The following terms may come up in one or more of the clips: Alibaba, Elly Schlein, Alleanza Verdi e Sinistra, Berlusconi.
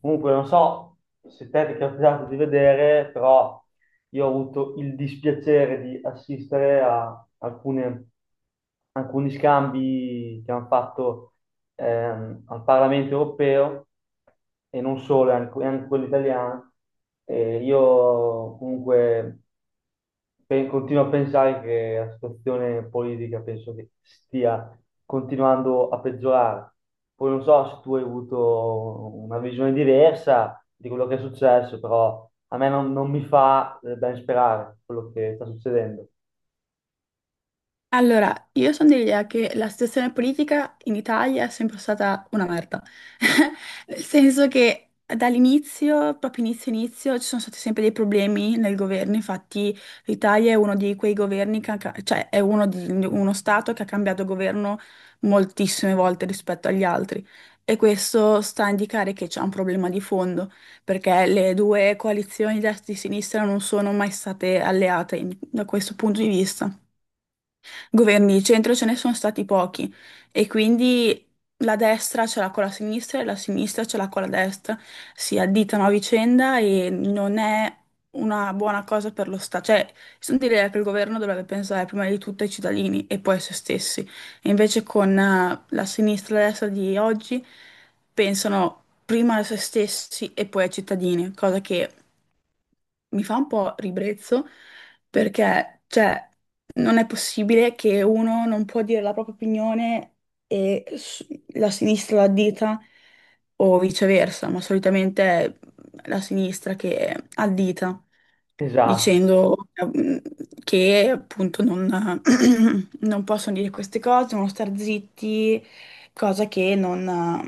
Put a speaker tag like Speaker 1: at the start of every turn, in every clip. Speaker 1: Comunque, non so se te ti è capitato di vedere, però io ho avuto il dispiacere di assistere a alcune alcuni scambi che hanno fatto al Parlamento europeo e non solo, anche, anche quello italiano. E io comunque continuo a pensare che la situazione politica penso che stia continuando a peggiorare. Poi non so se tu hai avuto una visione diversa di quello che è successo, però a me non mi fa ben sperare quello che sta succedendo.
Speaker 2: Allora, io sono dell'idea che la situazione politica in Italia è sempre stata una merda. Nel senso che dall'inizio, proprio inizio inizio, ci sono stati sempre dei problemi nel governo. Infatti, l'Italia è uno di quei governi che ha cioè è uno, uno stato che ha cambiato governo moltissime volte rispetto agli altri. E questo sta a indicare che c'è un problema di fondo, perché le due coalizioni destra e sinistra non sono mai state da questo punto di vista governi di centro ce ne sono stati pochi e quindi la destra ce l'ha con la sinistra e la sinistra ce l'ha con la destra. Si additano a vicenda e non è una buona cosa per lo Stato. Cioè, sono direi che il governo dovrebbe pensare prima di tutto ai cittadini e poi a se stessi. E invece con la sinistra e la destra di oggi pensano prima a se stessi e poi ai cittadini, cosa che mi fa un po' ribrezzo perché, cioè, non è possibile che uno non può dire la propria opinione e s- la sinistra la dita o viceversa, ma solitamente è la sinistra che addita
Speaker 1: Esatto.
Speaker 2: dicendo che appunto non, non possono dire queste cose, devono star zitti, cosa che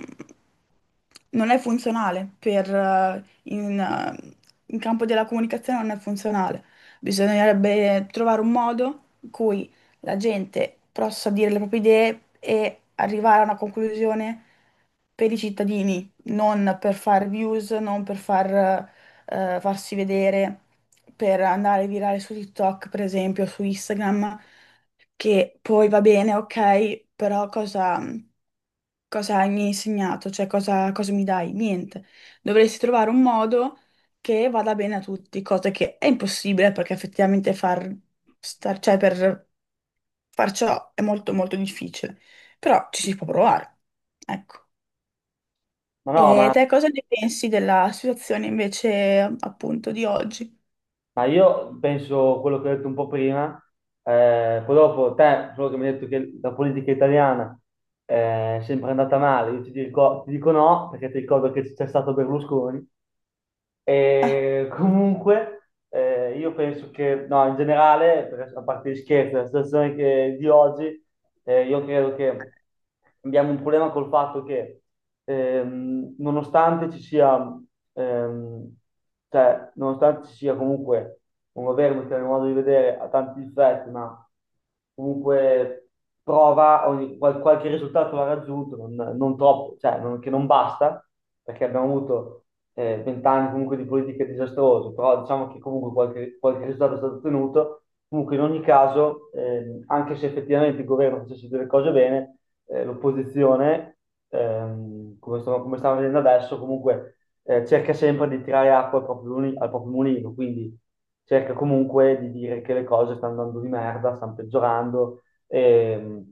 Speaker 2: non è funzionale per in campo della comunicazione non è funzionale. Bisognerebbe trovare un modo in cui la gente possa dire le proprie idee e arrivare a una conclusione per i cittadini, non per fare views, non per far, farsi vedere, per andare virale su TikTok, per esempio, su Instagram che poi va bene, ok, però cosa mi hai insegnato? Cioè, cosa mi dai? Niente. Dovresti trovare un modo che vada bene a tutti, cosa che è impossibile perché effettivamente cioè per far ciò è molto molto difficile, però ci si può provare. Ecco.
Speaker 1: Ma no,
Speaker 2: E te cosa ne pensi della situazione invece appunto di oggi?
Speaker 1: ma io penso quello che ho detto un po' prima, poi dopo te, solo che mi hai detto che la politica italiana è sempre andata male, io ti dico no, perché ti ricordo che c'è stato Berlusconi,
Speaker 2: Ah,
Speaker 1: e comunque, io penso che, no, in generale, a parte gli scherzi, la situazione di oggi, io credo che abbiamo un problema col fatto che, nonostante ci sia, ehm, cioè, nonostante ci sia comunque un governo che, a mio modo di vedere, ha tanti difetti, ma comunque qualche risultato l'ha raggiunto, non troppo, cioè che non basta, perché abbiamo avuto 20 anni comunque di politiche disastrose, però diciamo che comunque qualche risultato è stato ottenuto. Comunque in ogni caso, anche se effettivamente il governo facesse delle cose bene, l'opposizione, come stiamo vedendo adesso, comunque cerca sempre di tirare acqua al al proprio mulino, quindi cerca comunque di dire che le cose stanno andando di merda, stanno peggiorando e,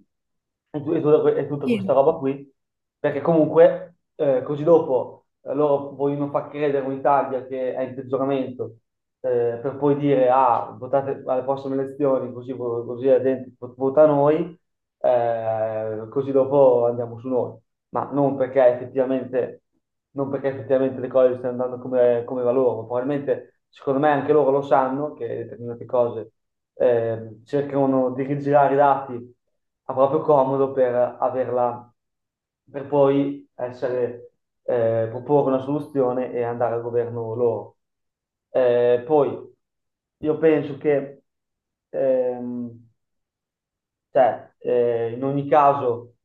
Speaker 1: e tutta questa
Speaker 2: sì.
Speaker 1: roba qui, perché comunque così dopo loro vogliono far credere un'Italia che è in peggioramento per poi dire ah, votate alle prossime elezioni, così, così la gente vota noi, così dopo andiamo su noi ma non perché effettivamente le cose stiano andando come, come va loro, probabilmente secondo me anche loro lo sanno che determinate cose cercano di rigirare i dati a proprio comodo per averla, per poi essere, proporre una soluzione e andare al governo loro. Poi io penso che ehm, in ogni caso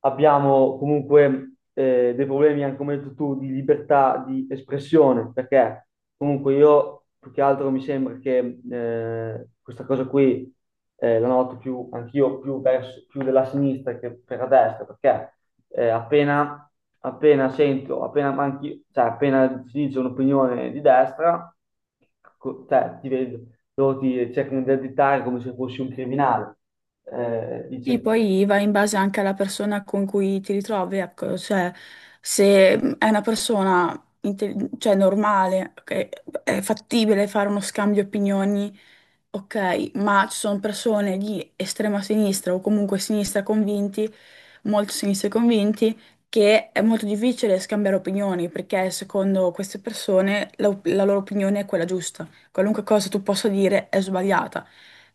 Speaker 1: abbiamo comunque dei problemi, anche come hai detto tu, di libertà di espressione, perché comunque io più che altro mi sembra che questa cosa qui la noto più, anch'io più, verso, più della sinistra che per la destra, perché eh, appena, appena sento, appena, manchi, cioè, appena si dice un'opinione di destra, ti vedo, loro ti cercano di additare come se fossi un criminale eh,
Speaker 2: Sì,
Speaker 1: dice
Speaker 2: poi va in base anche alla persona con cui ti ritrovi, ecco, cioè se è una persona cioè, normale, che è fattibile fare uno scambio di opinioni, ok, ma ci sono persone di estrema sinistra o comunque sinistra convinti, molto sinistra convinti, che è molto difficile scambiare opinioni perché secondo queste persone la loro opinione è quella giusta, qualunque cosa tu possa dire è sbagliata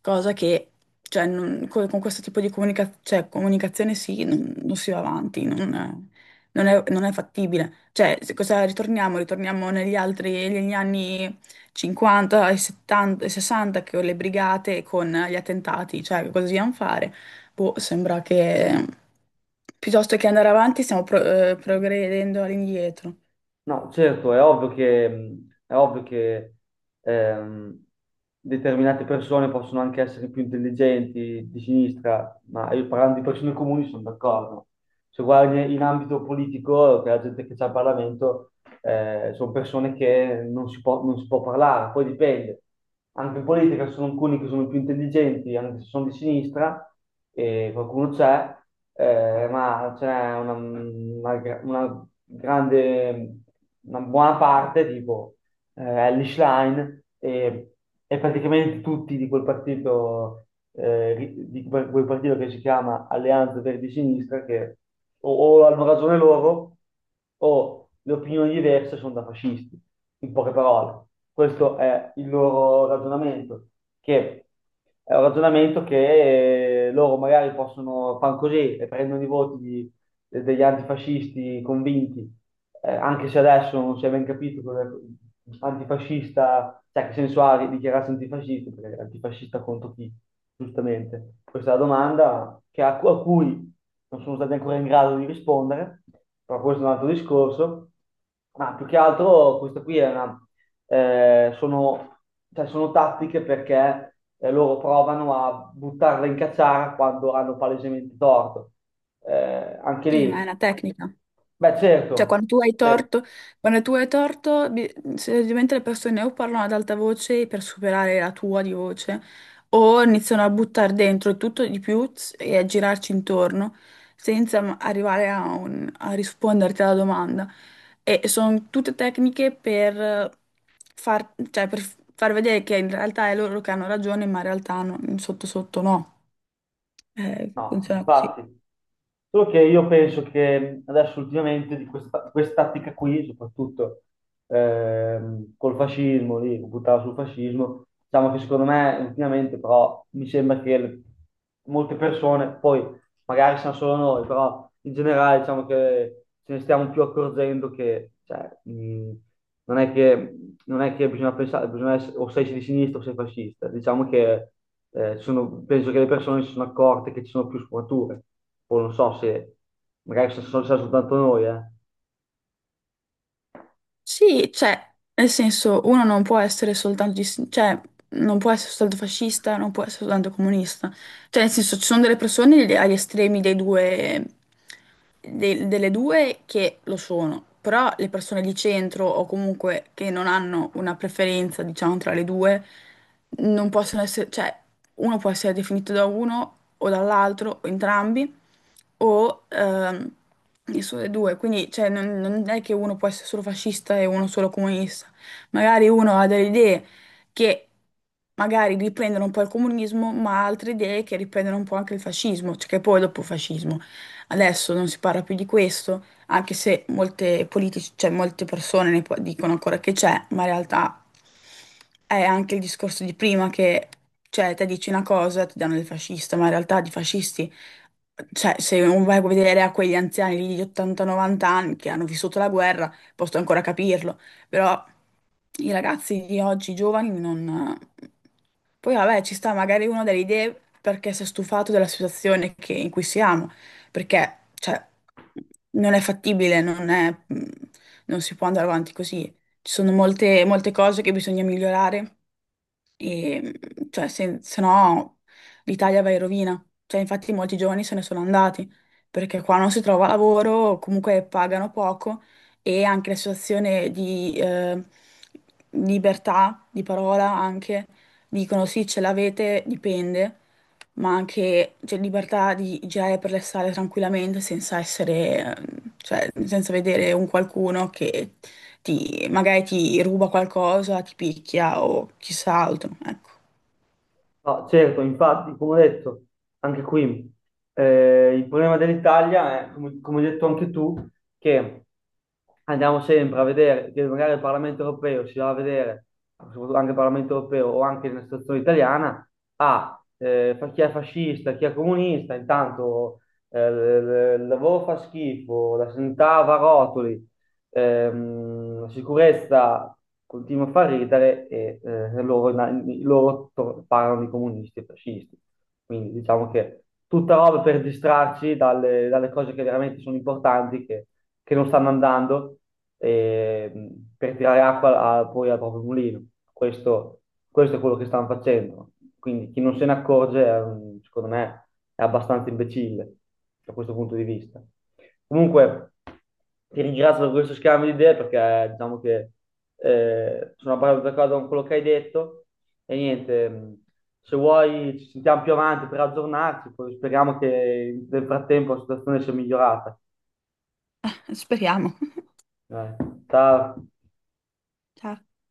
Speaker 2: cosa che cioè, con, questo tipo di cioè, comunicazione sì, non si va avanti, non è, non è fattibile. Cioè, cosa ritorniamo? Ritorniamo negli altri, negli anni 50 e 70 e 60 che con le brigate, con gli attentati, cioè cosa dobbiamo fare? Boh, sembra che piuttosto che andare avanti stiamo progredendo all'indietro.
Speaker 1: No, certo, è ovvio che ehm, determinate persone possono anche essere più intelligenti di sinistra, ma io parlando di persone comuni sono d'accordo se guardi in ambito politico, che la gente che c'è al Parlamento, sono persone che non si può parlare, poi dipende. Anche in politica ci sono alcuni che sono più intelligenti, anche se sono di sinistra, e qualcuno c'è, ma c'è una grande, una buona parte, tipo Elly Schlein e praticamente tutti di quel partito, di quel partito che si chiama Alleanza Verdi e Sinistra, che o, o hanno ragione loro o le opinioni diverse sono da fascisti, in poche parole. Questo è il loro ragionamento, che è un ragionamento che loro magari possono fare così e prendono i voti degli antifascisti convinti anche se adesso non si è ben capito cosa antifascista, cioè che senso ha dichiararsi antifascista, perché è antifascista contro chi, giustamente. Questa è la domanda a cui non sono stati ancora in grado di rispondere, però questo è un altro discorso. Ma più che altro questa qui eh, sono, cioè, sono tattiche perché loro provano a buttarla in cacciara quando hanno palesemente torto. Eh, Anche
Speaker 2: Sì, ma è
Speaker 1: lì,
Speaker 2: una tecnica.
Speaker 1: beh certo,
Speaker 2: Cioè, quando tu hai
Speaker 1: certo.
Speaker 2: torto, Quando tu hai torto, semplicemente le persone o parlano ad alta voce per superare la tua di voce, o iniziano a buttare dentro tutto di più e a girarci intorno, senza arrivare a, a risponderti alla domanda. E sono tutte tecniche per far, cioè, per far vedere che in realtà è loro che hanno ragione, ma in realtà sotto sotto no.
Speaker 1: No,
Speaker 2: Funziona così.
Speaker 1: infatti. Solo che io penso che adesso ultimamente di questa tattica qui, soprattutto col fascismo, lì, buttava sul fascismo, diciamo che secondo me ultimamente però mi sembra che molte persone, poi magari siamo solo noi, però in generale diciamo che ce ne stiamo più accorgendo che cioè, non è che, non è che bisogna pensare, bisogna essere, o sei di sinistra o sei fascista, diciamo che penso che le persone si sono accorte che ci sono più sfumature. Poi non so se magari se sono soltanto noi, eh.
Speaker 2: Sì, cioè, nel senso, uno non può essere cioè, non può essere soltanto fascista, non può essere soltanto comunista. Cioè, nel senso, ci sono delle persone agli estremi dei due, delle due che lo sono, però le persone di centro o comunque che non hanno una preferenza, diciamo, tra le due, non possono essere, cioè, uno può essere definito da uno o dall'altro o entrambi o nessuno dei due, quindi cioè, non è che uno può essere solo fascista e uno solo comunista, magari uno ha delle idee che magari riprendono un po' il comunismo, ma altre idee che riprendono un po' anche il fascismo, cioè che poi dopo fascismo. Adesso non si parla più di questo, anche se molte politici, cioè molte persone ne dicono ancora che c'è, ma in realtà è anche il discorso di prima che, cioè, te dici una cosa, ti danno del fascista, ma in realtà di fascisti, cioè, se non vai a vedere a quegli anziani lì di 80-90 anni che hanno vissuto la guerra, posso ancora capirlo, però i ragazzi di oggi, i giovani, non... Poi vabbè, ci sta magari uno delle idee perché si è stufato della situazione in cui siamo, perché cioè, non è fattibile, non si può andare avanti così. Ci sono molte, molte cose che bisogna migliorare e, mhmm, cioè, se no l'Italia va in rovina. Cioè, infatti molti giovani se ne sono andati, perché qua non si trova lavoro, comunque pagano poco e anche la situazione di libertà di parola anche dicono sì, ce l'avete, dipende, ma anche c'è libertà di girare per le strade tranquillamente senza essere, cioè, senza vedere un qualcuno che magari ti ruba qualcosa, ti picchia o chissà altro, ecco.
Speaker 1: No, certo, infatti, come ho detto, anche qui il problema dell'Italia è, come, come hai detto anche tu, che andiamo sempre a vedere che magari il Parlamento europeo si va a vedere, soprattutto anche il Parlamento europeo o anche nella situazione italiana, chi è fascista, chi è comunista, intanto eh, il lavoro fa schifo, la sanità va a rotoli, la sicurezza continua a far ridere e loro parlano di comunisti e fascisti. Quindi diciamo che tutta roba per distrarci dalle cose che veramente sono importanti, che non stanno andando, ehm, per tirare acqua poi al proprio mulino. Questo, questo è quello che stanno facendo. Quindi chi non se ne accorge, secondo me, è abbastanza imbecille da questo punto di vista. Comunque, ti ringrazio per questo scambio di idee perché diciamo che sono abbastanza d'accordo con quello che hai detto. E niente, se vuoi ci sentiamo più avanti per aggiornarci, poi speriamo che nel frattempo la situazione sia migliorata.
Speaker 2: Speriamo.
Speaker 1: Dai, ciao.
Speaker 2: Ciao.